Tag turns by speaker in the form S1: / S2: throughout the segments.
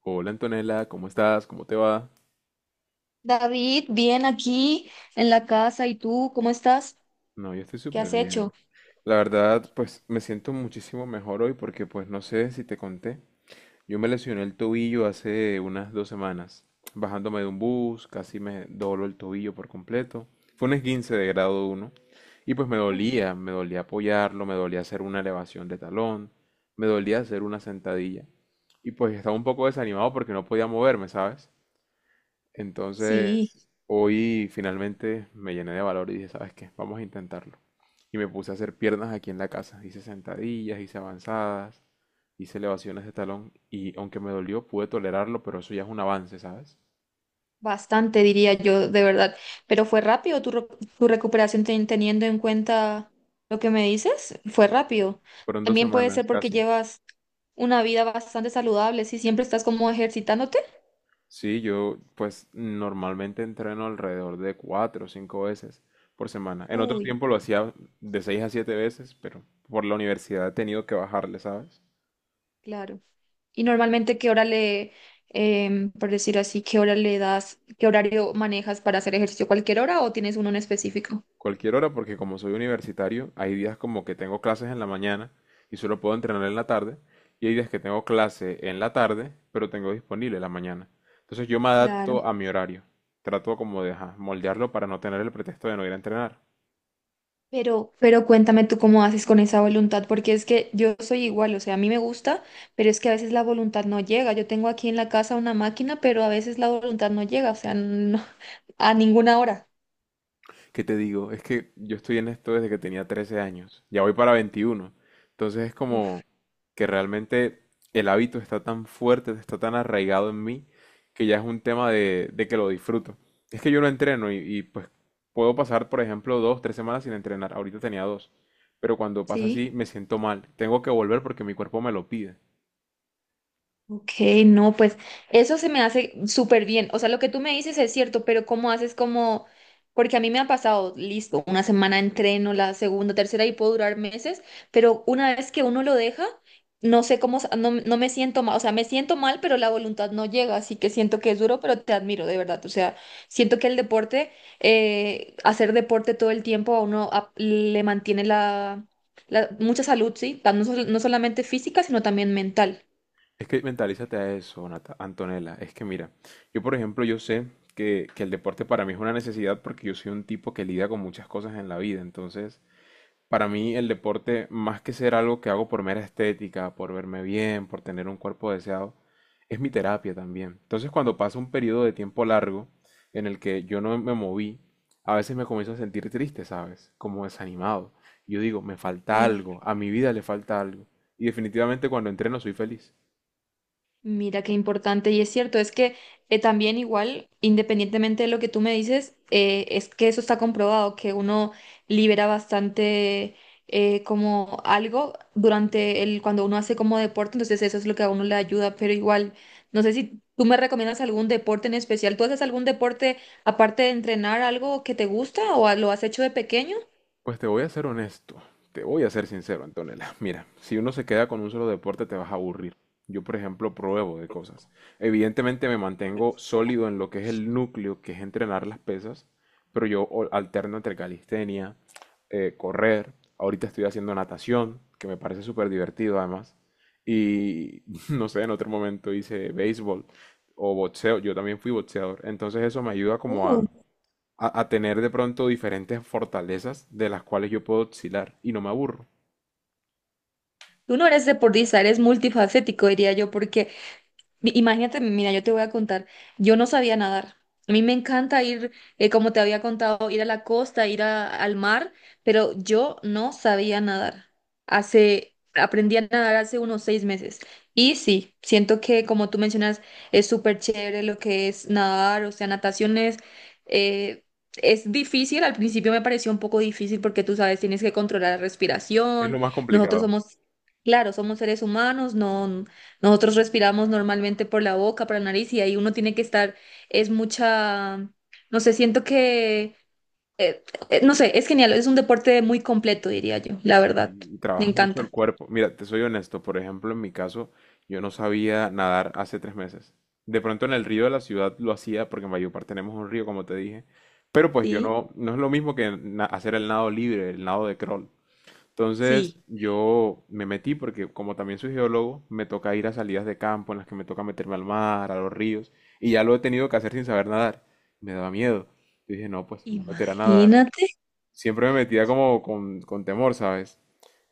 S1: Hola Antonella, ¿cómo estás? ¿Cómo te va?
S2: David, bien aquí en la casa. ¿Y tú cómo estás?
S1: No, yo estoy
S2: ¿Qué
S1: súper
S2: has hecho?
S1: bien. La verdad, pues me siento muchísimo mejor hoy porque pues no sé si te conté. Yo me lesioné el tobillo hace unas dos semanas. Bajándome de un bus, casi me dobló el tobillo por completo. Fue un esguince de grado uno y pues
S2: Uy,
S1: me dolía apoyarlo, me dolía hacer una elevación de talón, me dolía hacer una sentadilla. Y pues estaba un poco desanimado porque no podía moverme, ¿sabes?
S2: sí.
S1: Entonces, hoy finalmente me llené de valor y dije, ¿sabes qué? Vamos a intentarlo. Y me puse a hacer piernas aquí en la casa. Hice sentadillas, hice avanzadas, hice elevaciones de talón y aunque me dolió, pude tolerarlo, pero eso ya es un avance, ¿sabes?
S2: Bastante, diría yo, de verdad. Pero fue rápido tu recuperación teniendo en cuenta lo que me dices. Fue rápido.
S1: Fueron dos
S2: También puede
S1: semanas
S2: ser porque
S1: casi.
S2: llevas una vida bastante saludable, si siempre estás como ejercitándote.
S1: Sí, yo pues normalmente entreno alrededor de cuatro o cinco veces por semana. En otro
S2: Uy,
S1: tiempo lo hacía de seis a siete veces, pero por la universidad he tenido que bajarle, ¿sabes?
S2: claro. ¿Y normalmente qué hora le, em, por decir así, qué hora le das, qué horario manejas para hacer ejercicio? ¿Cualquier hora o tienes uno en específico?
S1: Cualquier hora porque como soy universitario, hay días como que tengo clases en la mañana y solo puedo entrenar en la tarde, y hay días que tengo clase en la tarde, pero tengo disponible la mañana. Entonces yo me
S2: Claro.
S1: adapto a mi horario. Trato como de ajá, moldearlo para no tener el pretexto de no ir a entrenar.
S2: Pero cuéntame tú cómo haces con esa voluntad, porque es que yo soy igual, o sea, a mí me gusta, pero es que a veces la voluntad no llega. Yo tengo aquí en la casa una máquina, pero a veces la voluntad no llega, o sea, no, a ninguna hora.
S1: ¿Qué te digo? Es que yo estoy en esto desde que tenía 13 años. Ya voy para 21. Entonces es como
S2: Uf,
S1: que realmente el hábito está tan fuerte, está tan arraigado en mí, que ya es un tema de que lo disfruto. Es que yo lo entreno pues puedo pasar, por ejemplo, dos, tres semanas sin entrenar. Ahorita tenía dos. Pero cuando pasa
S2: sí.
S1: así, me siento mal. Tengo que volver porque mi cuerpo me lo pide.
S2: Ok, no, pues eso se me hace súper bien. O sea, lo que tú me dices es cierto, pero ¿cómo haces como...? Porque a mí me ha pasado, listo, una semana entreno, la segunda, tercera y puedo durar meses, pero una vez que uno lo deja, no sé cómo, no, no me siento mal, o sea, me siento mal, pero la voluntad no llega, así que siento que es duro, pero te admiro, de verdad. O sea, siento que el deporte, hacer deporte todo el tiempo a uno le mantiene mucha salud, ¿sí? No solamente física, sino también mental.
S1: Es que mentalízate a eso, Antonella. Es que mira, yo por ejemplo, yo sé que el deporte para mí es una necesidad porque yo soy un tipo que lidia con muchas cosas en la vida. Entonces, para mí el deporte, más que ser algo que hago por mera estética, por verme bien, por tener un cuerpo deseado, es mi terapia también. Entonces, cuando pasa un periodo de tiempo largo en el que yo no me moví, a veces me comienzo a sentir triste, ¿sabes? Como desanimado. Yo digo, me falta algo, a mi vida le falta algo. Y definitivamente cuando entreno soy feliz.
S2: Mira qué importante y es cierto, es que también igual, independientemente de lo que tú me dices, es que eso está comprobado, que uno libera bastante como algo durante el, cuando uno hace como deporte, entonces eso es lo que a uno le ayuda, pero igual, no sé si tú me recomiendas algún deporte en especial, ¿tú haces algún deporte aparte de entrenar algo que te gusta o lo has hecho de pequeño?
S1: Pues te voy a ser honesto, te voy a ser sincero, Antonella. Mira, si uno se queda con un solo deporte te vas a aburrir. Yo, por ejemplo, pruebo de cosas. Evidentemente me mantengo sólido en lo que es el núcleo, que es entrenar las pesas, pero yo alterno entre calistenia, correr. Ahorita estoy haciendo natación, que me parece súper divertido además. Y no sé, en otro momento hice béisbol o boxeo. Yo también fui boxeador. Entonces eso me ayuda como
S2: Uh.
S1: a a tener de pronto diferentes fortalezas de las cuales yo puedo oscilar y no me aburro.
S2: Tú no eres deportista, eres multifacético, diría yo. Imagínate, mira, yo te voy a contar, yo no sabía nadar. A mí me encanta ir, como te había contado, ir a la costa, ir al mar, pero yo no sabía nadar. Hace, aprendí a nadar hace unos 6 meses. Y sí, siento que, como tú mencionas, es súper chévere lo que es nadar, o sea, natación eh, es difícil. Al principio me pareció un poco difícil porque tú sabes, tienes que controlar la
S1: Es lo
S2: respiración.
S1: más
S2: Nosotros
S1: complicado.
S2: somos... Claro, somos seres humanos, no, nosotros respiramos normalmente por la boca, por la nariz y ahí uno tiene que estar, es mucha, no sé, siento que, eh, no sé, es genial, es un deporte muy completo, diría yo, la verdad,
S1: Y
S2: me
S1: trabajas mucho el
S2: encanta.
S1: cuerpo. Mira, te soy honesto, por ejemplo, en mi caso, yo no sabía nadar hace tres meses. De pronto en el río de la ciudad lo hacía porque en Valledupar tenemos un río, como te dije. Pero pues yo
S2: Sí,
S1: no, no es lo mismo que hacer el nado libre, el nado de crawl. Entonces
S2: sí,
S1: yo me metí porque como también soy geólogo, me toca ir a salidas de campo en las que me toca meterme al mar, a los ríos, y ya lo he tenido que hacer sin saber nadar. Me daba miedo. Yo dije, no, pues me voy a meter a nadar.
S2: imagínate.
S1: Siempre me metía como con temor, ¿sabes?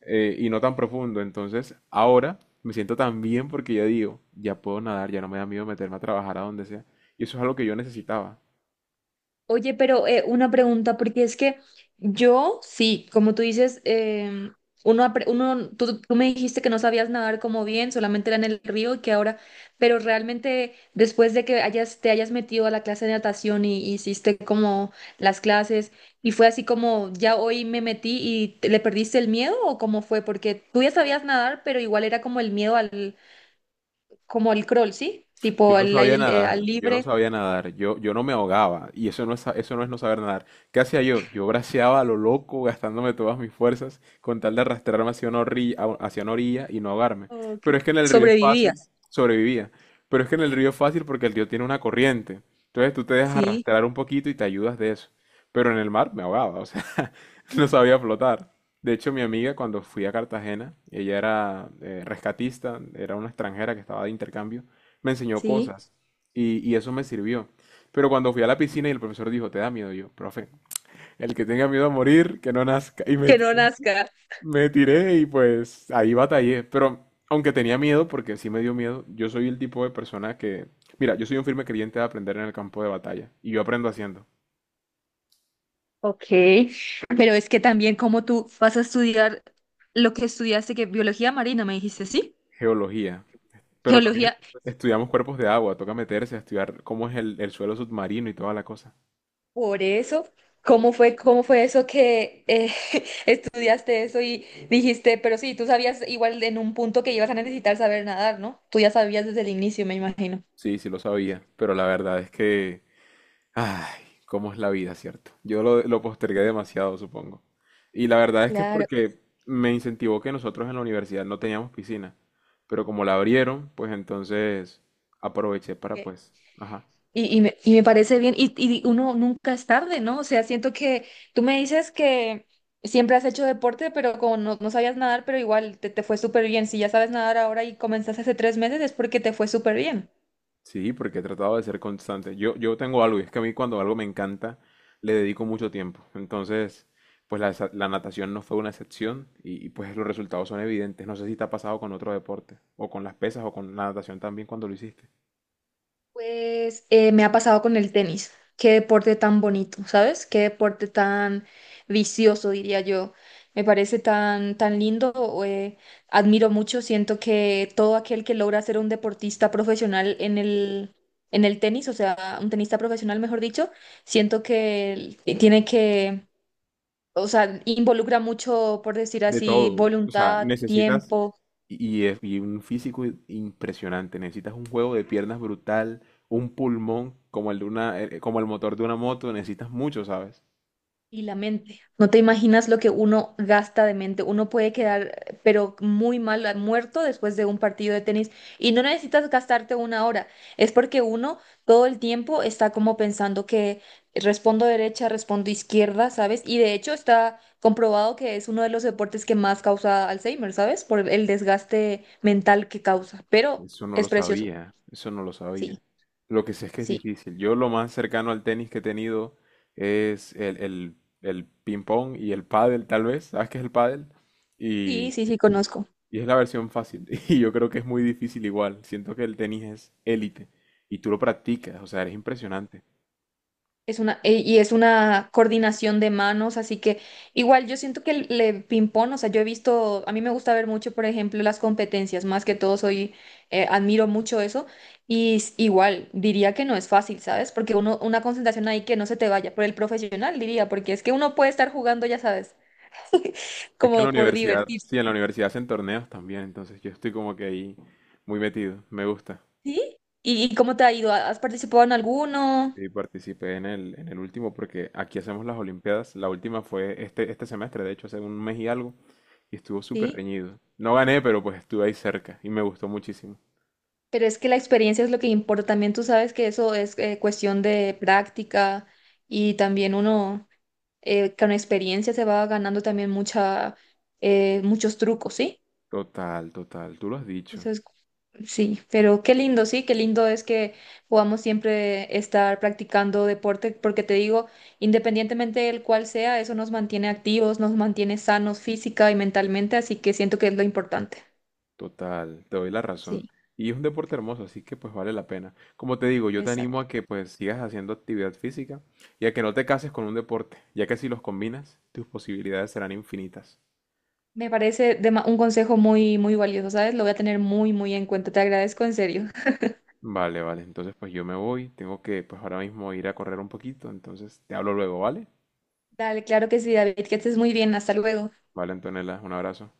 S1: Y no tan profundo. Entonces ahora me siento tan bien porque ya digo, ya puedo nadar, ya no me da miedo meterme a trabajar a donde sea. Y eso es algo que yo necesitaba.
S2: Oye, pero una pregunta, porque es que yo, sí, como tú dices, uno, tú, tú me dijiste que no sabías nadar como bien, solamente era en el río y que ahora, pero realmente después de que hayas, te hayas metido a la clase de natación y hiciste como las clases y fue así como ya hoy me metí y le perdiste el miedo o cómo fue, porque tú ya sabías nadar, pero igual era como el miedo al, como al crawl, ¿sí? Tipo
S1: Yo no
S2: al
S1: sabía
S2: aire, al
S1: nadar, yo no
S2: libre,
S1: sabía nadar, yo no me ahogaba, y eso no es, eso no es no saber nadar. ¿Qué hacía yo? Yo braceaba a lo loco, gastándome todas mis fuerzas, con tal de arrastrarme hacia una orilla y no ahogarme.
S2: o que
S1: Pero es que en el río es
S2: sobrevivías,
S1: fácil, sobrevivía. Pero es que en el río es fácil porque el río tiene una corriente. Entonces tú te dejas
S2: sí,
S1: arrastrar un poquito y te ayudas de eso. Pero en el mar me ahogaba, o sea. No sabía flotar. De hecho, mi amiga cuando fui a Cartagena, ella era rescatista, era una extranjera que estaba de intercambio, me enseñó
S2: sí,
S1: cosas y eso me sirvió. Pero cuando fui a la piscina y el profesor dijo, ¿te da miedo? Y yo, profe, el que tenga miedo a morir, que no nazca. Y me,
S2: que no nazca.
S1: me tiré y pues ahí batallé. Pero aunque tenía miedo, porque sí me dio miedo, yo soy el tipo de persona que, mira, yo soy un firme creyente de aprender en el campo de batalla y yo aprendo haciendo.
S2: Ok, pero es que también como tú vas a estudiar lo que estudiaste, que biología marina, me dijiste, ¿sí?
S1: Geología. Pero también
S2: Geología.
S1: estudiamos cuerpos de agua, toca meterse a estudiar cómo es el suelo submarino y toda la cosa.
S2: Por eso, cómo fue eso que estudiaste eso y dijiste, pero sí, tú sabías igual en un punto que ibas a necesitar saber nadar, ¿no? Tú ya sabías desde el inicio, me imagino.
S1: Sí, sí lo sabía, pero la verdad es que, ay, cómo es la vida, ¿cierto? Yo lo postergué demasiado, supongo. Y la verdad es que es
S2: Claro.
S1: porque me incentivó que nosotros en la universidad no teníamos piscina, pero como la abrieron, pues entonces aproveché para
S2: Ok.
S1: pues, ajá,
S2: Y me parece bien, y uno nunca es tarde, ¿no? O sea, siento que tú me dices que siempre has hecho deporte, pero como no, no sabías nadar, pero igual te fue súper bien. Si ya sabes nadar ahora y comenzaste hace 3 meses, es porque te fue súper bien.
S1: sí, porque he tratado de ser constante. Yo tengo algo, y es que a mí cuando algo me encanta, le dedico mucho tiempo. Entonces, pues la, la natación no fue una excepción pues los resultados son evidentes. No sé si te ha pasado con otro deporte, o con las pesas, o con la natación también cuando lo hiciste.
S2: Pues me ha pasado con el tenis. Qué deporte tan bonito, ¿sabes? Qué deporte tan vicioso, diría yo. Me parece tan, tan lindo. O, admiro mucho. Siento que todo aquel que logra ser un deportista profesional en el tenis, o sea, un tenista profesional, mejor dicho, siento que tiene que, o sea, involucra mucho, por decir
S1: De
S2: así,
S1: todo, o sea,
S2: voluntad,
S1: necesitas,
S2: tiempo.
S1: y un físico impresionante, necesitas un juego de piernas brutal, un pulmón como el de una, como el motor de una moto, necesitas mucho, ¿sabes?
S2: Y la mente. No te imaginas lo que uno gasta de mente. Uno puede quedar, pero muy mal, muerto después de un partido de tenis. Y no necesitas gastarte una hora. Es porque uno todo el tiempo está como pensando que respondo derecha, respondo izquierda, ¿sabes? Y de hecho está comprobado que es uno de los deportes que más causa Alzheimer, ¿sabes? Por el desgaste mental que causa. Pero
S1: Eso no
S2: es
S1: lo
S2: precioso.
S1: sabía, eso no lo
S2: Sí,
S1: sabía. Lo que sé es que es
S2: sí,
S1: difícil. Yo lo más cercano al tenis que he tenido es el ping pong y el pádel, tal vez. ¿Sabes qué es el pádel?
S2: sí,
S1: Y,
S2: sí, sí, conozco.
S1: y es la versión fácil. Y yo creo que es muy difícil igual. Siento que el tenis es élite. Y tú lo practicas, o sea, eres impresionante.
S2: Es una, y es una coordinación de manos, así que igual yo siento que le ping-pong, o sea, yo he visto, a mí me gusta ver mucho, por ejemplo, las competencias, más que todo soy, admiro mucho eso, y igual diría que no es fácil, ¿sabes? Porque uno, una concentración ahí que no se te vaya, por el profesional diría, porque es que uno puede estar jugando, ya sabes,
S1: Es que en la
S2: como por
S1: universidad, sí,
S2: divertirse,
S1: en la universidad hacen torneos también, entonces yo estoy como que ahí muy metido. Me gusta.
S2: ¿sí? Y cómo te ha ido? ¿Has participado en alguno?
S1: Sí, participé en en el último porque aquí hacemos las Olimpiadas. La última fue este semestre, de hecho, hace un mes y algo, y estuvo súper
S2: ¿Sí?
S1: reñido. No gané, pero pues estuve ahí cerca y me gustó muchísimo.
S2: Pero es que la experiencia es lo que importa. También tú sabes que eso es cuestión de práctica y también uno con experiencia se va ganando también mucha, muchos trucos, ¿sí?
S1: Total, total, tú lo has
S2: Eso
S1: dicho,
S2: es, sí, pero qué lindo, sí, qué lindo es que podamos siempre estar practicando deporte, porque te digo, independientemente del cual sea, eso nos mantiene activos, nos mantiene sanos física y mentalmente, así que siento que es lo importante.
S1: total, te doy la razón.
S2: Sí,
S1: Y es un deporte hermoso, así que pues vale la pena. Como te digo, yo te animo
S2: exacto.
S1: a que pues sigas haciendo actividad física y a que no te cases con un deporte, ya que si los combinas, tus posibilidades serán infinitas.
S2: Un consejo muy, muy valioso, ¿sabes? Lo voy a tener muy, muy en cuenta. Te agradezco en serio.
S1: Vale, vale. Entonces, pues yo me voy. Tengo que, pues ahora mismo ir a correr un poquito. Entonces, te hablo luego, ¿vale?
S2: Dale, claro que sí, David, que estés muy bien. Hasta luego.
S1: Vale, Antonella, un abrazo.